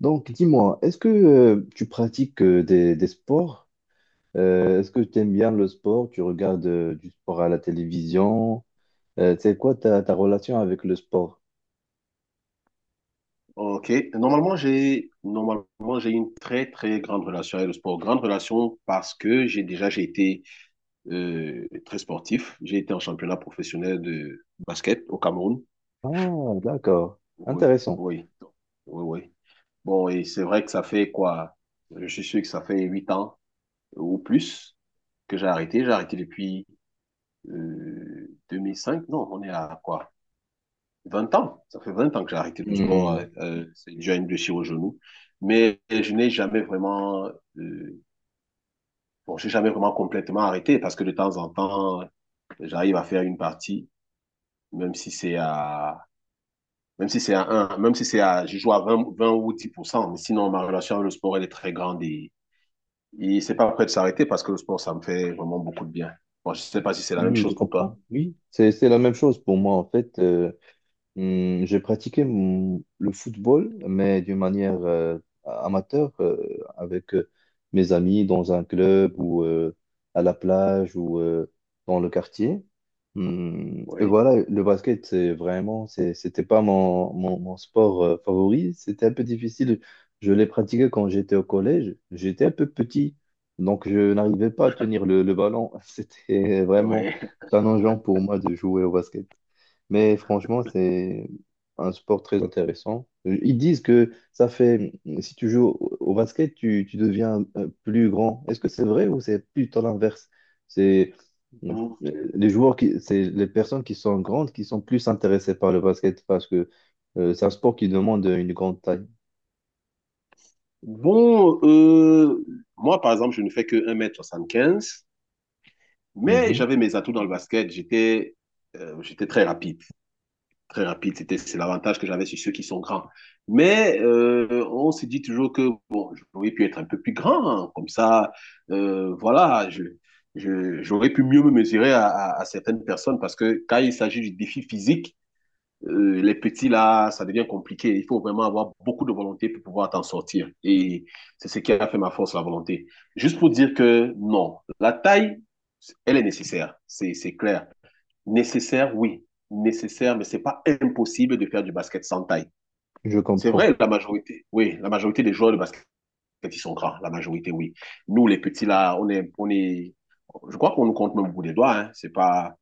Donc, dis-moi, est-ce que tu pratiques des sports? Est-ce que tu aimes bien le sport? Tu regardes du sport à la télévision? C'est quoi ta relation avec le sport? Ok. Normalement, j'ai une très très grande relation avec le sport. Grande relation parce que j'ai été très sportif. J'ai été en championnat professionnel de basket au Cameroun. Ah, d'accord. Oui, Intéressant. oui, oui, oui. Bon, et c'est vrai que ça fait quoi? Je suis sûr que ça fait 8 ans ou plus que j'ai arrêté. J'ai arrêté depuis 2005. Non, on est à quoi? 20 ans, ça fait 20 ans que j'ai arrêté le sport. Hmm. C'est déjà une blessure au genou, mais je n'ai jamais vraiment, euh, bon, j'ai jamais vraiment complètement arrêté parce que de temps en temps, j'arrive à faire une partie, même si c'est à, même si c'est à 1, même si c'est à, je joue à vingt ou 10%, mais sinon ma relation avec le sport, elle est très grande. Et c'est pas prêt de s'arrêter parce que le sport, ça me fait vraiment beaucoup de bien. Bon, je sais pas si c'est la même Oui, je chose pour toi. comprends. Oui, c'est la même chose pour moi, en fait. J'ai pratiqué le football, mais d'une manière amateur, avec mes amis dans un club ou à la plage ou dans le quartier. Et Oui, voilà, le basket, c'est vraiment, c'était pas mon, mon sport favori. C'était un peu difficile. Je l'ai pratiqué quand j'étais au collège. J'étais un peu petit, donc je n'arrivais pas à tenir le ballon. C'était vraiment oui. challengeant pour moi de jouer au basket. Mais franchement, c'est un sport très intéressant. Ils disent que ça fait, si tu joues au basket, tu deviens plus grand. Est-ce que c'est vrai ou c'est plutôt l'inverse? C'est euh, Bon, les joueurs qui, c'est les personnes qui sont grandes qui sont plus intéressées par le basket parce que c'est un sport qui demande une grande taille. Bon, moi, par exemple, je ne fais que 1,75 m, mais Mhm. j'avais mes atouts dans le basket. J'étais très rapide. Très rapide. C'est l'avantage que j'avais sur ceux qui sont grands. Mais on se dit toujours que bon, j'aurais pu être un peu plus grand, hein, comme ça, voilà, j'aurais pu mieux me mesurer à certaines personnes parce que quand il s'agit du défi physique, les petits là, ça devient compliqué. Il faut vraiment avoir beaucoup de volonté pour pouvoir t'en sortir. Et c'est ce qui a fait ma force, la volonté. Juste pour dire que non, la taille, elle est nécessaire, c'est clair. Nécessaire, oui. Nécessaire, mais c'est pas impossible de faire du basket sans taille. Je C'est comprends. vrai, la majorité, oui, la majorité des joueurs de basket, ils sont grands, la majorité, oui. Nous, les petits, là, je crois qu'on nous compte même au bout des doigts, hein. C'est pas,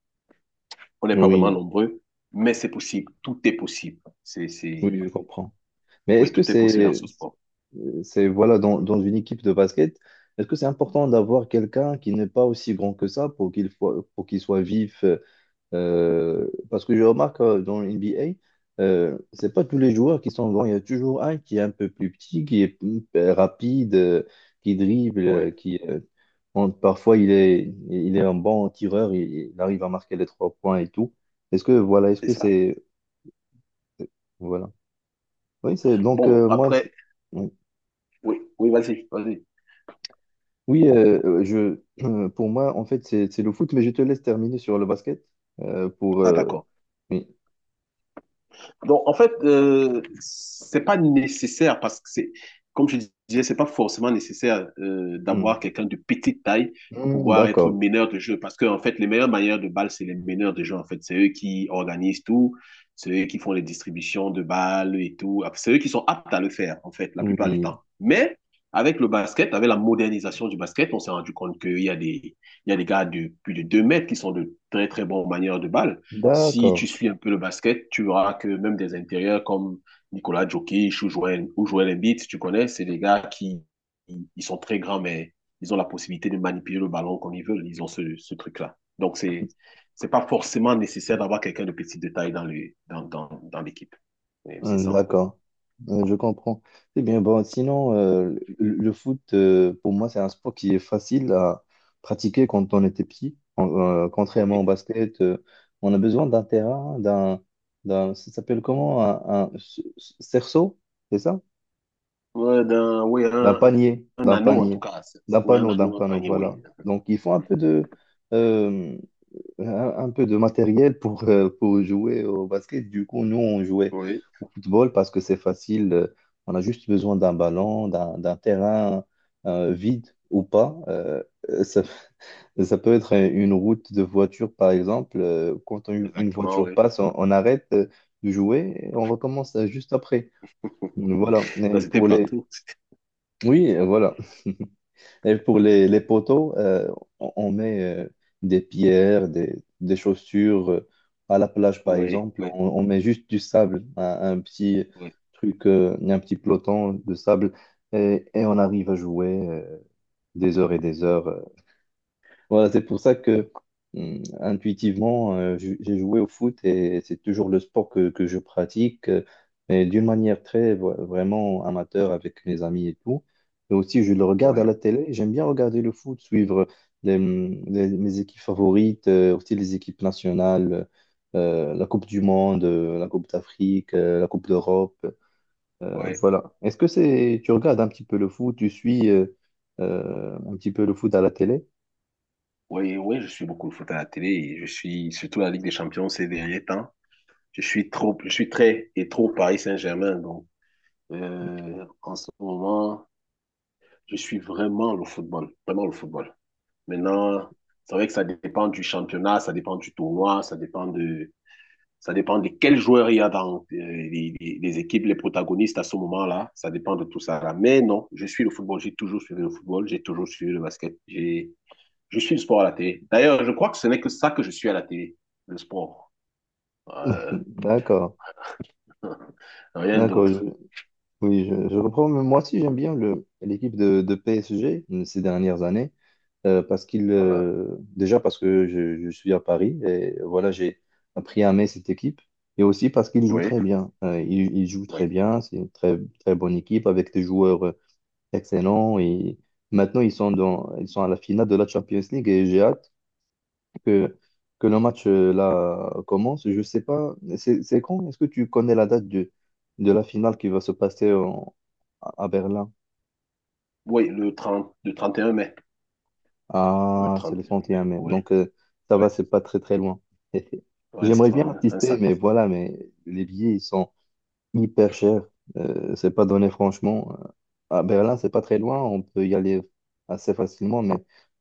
on n'est pas vraiment Oui, nombreux, mais c'est possible. Tout est possible. Oui, je comprends. Mais Oui, est-ce que tout est possible dans ce sport. c'est voilà dans, dans une équipe de basket, est-ce que c'est important d'avoir quelqu'un qui n'est pas aussi grand que ça pour pour qu'il soit vif parce que je remarque dans le NBA, c'est pas tous les joueurs qui sont grands, il y a toujours un qui est un peu plus petit, qui est rapide, qui dribble, Oui, qui bon, parfois il est un bon tireur, il arrive à marquer les trois points et tout. Est-ce que voilà, est-ce c'est que ça. c'est voilà. Oui, c'est donc Bon, moi. après, oui, oui, vas-y, vas-y. Oui, je, pour moi, en fait, c'est le foot, mais je te laisse terminer sur le basket pour. Ah, d'accord. Oui. Donc, en fait, c'est pas nécessaire parce que c'est, comme je disais, c'est pas forcément nécessaire Hmm. d'avoir quelqu'un de petite taille pour Hmm, pouvoir être d'accord. meneur de jeu. Parce que, en fait, les meilleurs manières de balles, c'est les meneurs de jeu. En fait, c'est eux qui organisent tout, c'est eux qui font les distributions de balles et tout. Ah, c'est eux qui sont aptes à le faire, en fait, la plupart du Oui. temps. Mais, avec le basket, avec la modernisation du basket, on s'est rendu compte qu'il y a des gars de plus de 2 mètres qui sont de très, très bons manières de balle. Si tu D'accord. suis un peu le basket, tu verras que même des intérieurs comme Nicolas Jokic ou Joel Embiid, tu connais, c'est des gars qui ils sont très grands, mais ils ont la possibilité de manipuler le ballon comme ils veulent. Ils ont ce truc-là. Donc, c'est pas forcément nécessaire d'avoir quelqu'un de petit de taille dans le Dans, dans, dans l'équipe. Et c'est Hmm, ça, en fait. d'accord. Hmm, je comprends. Eh bien, bon, sinon, le foot, pour moi, c'est un sport qui est facile à pratiquer quand on était petit. Contrairement Oui. au basket, on a besoin d'un terrain, d'un, ça s'appelle comment? Un cerceau, c'est ça? Oui, un, un D'un anneau, en tout panier, cas. Oui, un d'un anneau, un panneau, panier, voilà. oui. Donc, il faut euh, un, un peu de matériel pour jouer au basket. Du coup, nous, on jouait Oui, au football parce que c'est facile. On a juste besoin d'un ballon, d'un terrain vide ou pas. Ça, ça peut être une route de voiture, par exemple. Quand une exactement, voiture oui. passe, on arrête de jouer et on recommence juste après. Voilà. Ça, c'était partout. Oui, voilà. Et pour les poteaux, on met des pierres, des chaussures. À la plage, par Oui, exemple, oui, on met juste du sable, un petit oui, truc, un petit peloton de sable, et on arrive à jouer des heures et des heures. Voilà, c'est pour ça que intuitivement, j'ai joué au foot et c'est toujours le sport que je pratique, mais d'une manière très vraiment amateur avec mes amis et tout. Et aussi, je le regarde oui. à la télé. J'aime bien regarder le foot, suivre mes équipes favorites, aussi les équipes nationales, la Coupe du Monde, la Coupe d'Afrique, la Coupe d'Europe. euh, Ouais, voilà. Est-ce que c'est, tu regardes un petit peu le foot, tu suis un petit peu le foot à la télé? ouais, ouais, je suis beaucoup le foot à la télé et je suis surtout la Ligue des Champions ces derniers temps. Je suis très et trop Paris Saint-Germain, donc en ce moment, je suis vraiment le football, vraiment le football. Maintenant, c'est vrai que ça dépend du championnat, ça dépend du tournoi, ça dépend de quels joueurs il y a dans les équipes, les protagonistes à ce moment-là. Ça dépend de tout ça là. Mais non, je suis le football, j'ai toujours suivi le football, j'ai toujours suivi le basket. J'ai Je suis le sport à la télé. D'ailleurs, je crois que ce n'est que ça que je suis à la télé, le sport. Euh, D'accord, rien d'accord. je- d'autre. oui, je reprends. Mais moi aussi, j'aime bien l'équipe de PSG ces dernières années parce qu'il, Voilà. Déjà parce que je suis à Paris et voilà, j'ai appris à aimer cette équipe et aussi parce qu'il joue Oui, très bien. Il joue très oui. bien. C'est une très très bonne équipe avec des joueurs excellents et maintenant ils sont à la finale de la Champions League et j'ai hâte que, que le match là commence. Je sais pas, c'est quand? Est-ce que tu connais la date de la finale qui va se passer à Berlin? Oui, le 31 mai. Oui, le Ah, c'est le 31 mai, 31 mai. oui. Donc ça Oui, va, c'est c'est pas très très loin. ouais, c'est J'aimerais ça, bien un assister, mais samedi. voilà, mais les billets ils sont hyper cher. C'est pas donné franchement. À Berlin, c'est pas très loin, on peut y aller assez facilement, mais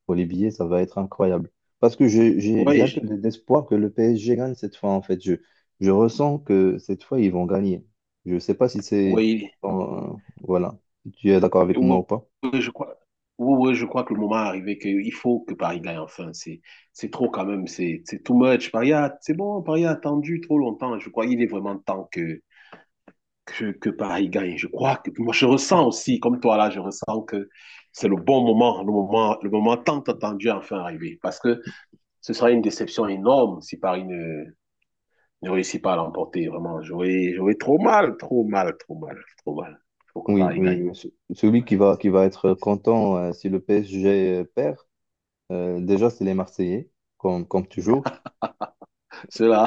pour les billets, ça va être incroyable. Parce que j'ai Oui, un peu d'espoir que le PSG gagne cette fois, en fait. Je ressens que cette fois, ils vont gagner. Je sais pas si c'est. oui, Euh, voilà. Si tu es d'accord avec oui, moi ou pas? oui, je crois. Oui, oui, je crois que le moment est arrivé qu'il faut que Paris gagne enfin. C'est trop quand même, c'est too much. C'est bon, Paris a attendu trop longtemps. Je crois qu'il est vraiment temps que Paris gagne. Je crois que moi, je ressens aussi, comme toi là, je ressens que c'est le bon moment, le moment, le moment tant attendu à enfin arrivé. Parce que ce sera une déception énorme si Paris ne réussit pas à l'emporter. Vraiment, j'aurais trop mal, trop mal, trop mal, trop mal. Il faut que Oui, Paris oui, oui. gagne. Oui. Celui qui va être content si le PSG perd, déjà, c'est les Marseillais, comme toujours.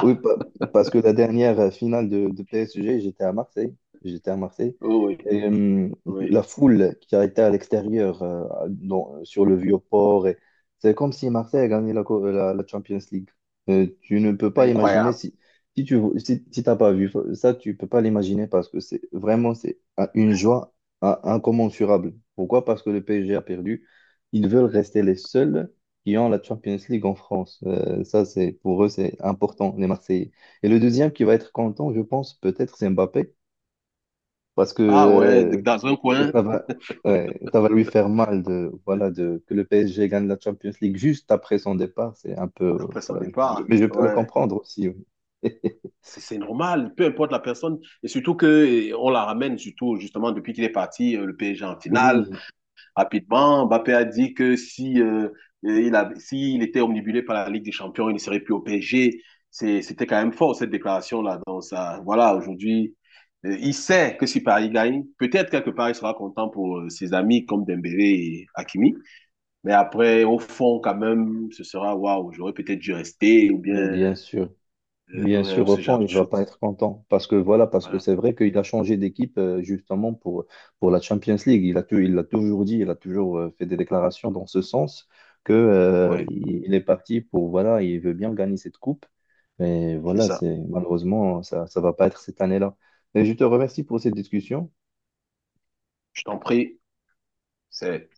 Oui, parce que la dernière finale de PSG, j'étais à Marseille. J'étais à Marseille. oui, oui, Et, la oui, foule qui a été à l'extérieur, sur le Vieux-Port, et c'est comme si Marseille a gagné la Champions League. Tu ne peux pas imaginer incroyable. si, si tu si t'as pas vu ça, tu peux pas l'imaginer parce que c'est vraiment c'est une joie incommensurable. Pourquoi? Parce que le PSG a perdu. Ils veulent rester les seuls qui ont la Champions League en France. Ça, c'est pour eux, c'est important, les Marseillais. Et le deuxième qui va être content, je pense, peut-être, c'est Mbappé, parce que Ah ouais, dans un coin, ça va, ouais, ça va lui faire mal de, voilà, de, que le PSG gagne la Champions League juste après son départ. C'est un peu, après son voilà, départ, mais je peux le ouais. comprendre aussi. Oui, C'est normal, peu importe la personne. Et surtout que on la ramène, surtout justement depuis qu'il est parti, le PSG en finale. Oui, Rapidement, Mbappé a dit que si, s'il était omnibulé par la Ligue des Champions, il ne serait plus au PSG. C'était quand même fort, cette déclaration-là. Donc, ça, voilà, aujourd'hui, il sait que si Paris gagne, peut-être quelque part, il sera content pour ses amis comme Dembélé et Hakimi. Mais après, au fond, quand même, ce sera, waouh, j'aurais peut-être dû rester ou bien, mais bien sûr. Bien ouais, ou sûr, au ce genre fond, de il va pas choses. être content parce que voilà, parce que Voilà, c'est vrai qu'il a changé d'équipe justement pour la Champions League. Il l'a toujours dit, il a toujours fait des déclarations dans ce sens que ouais, il est parti pour voilà, il veut bien gagner cette coupe. Mais c'est voilà, ça. c'est malheureusement ça va pas être cette année-là. Et je te remercie pour cette discussion. Je t'en prie, c'est...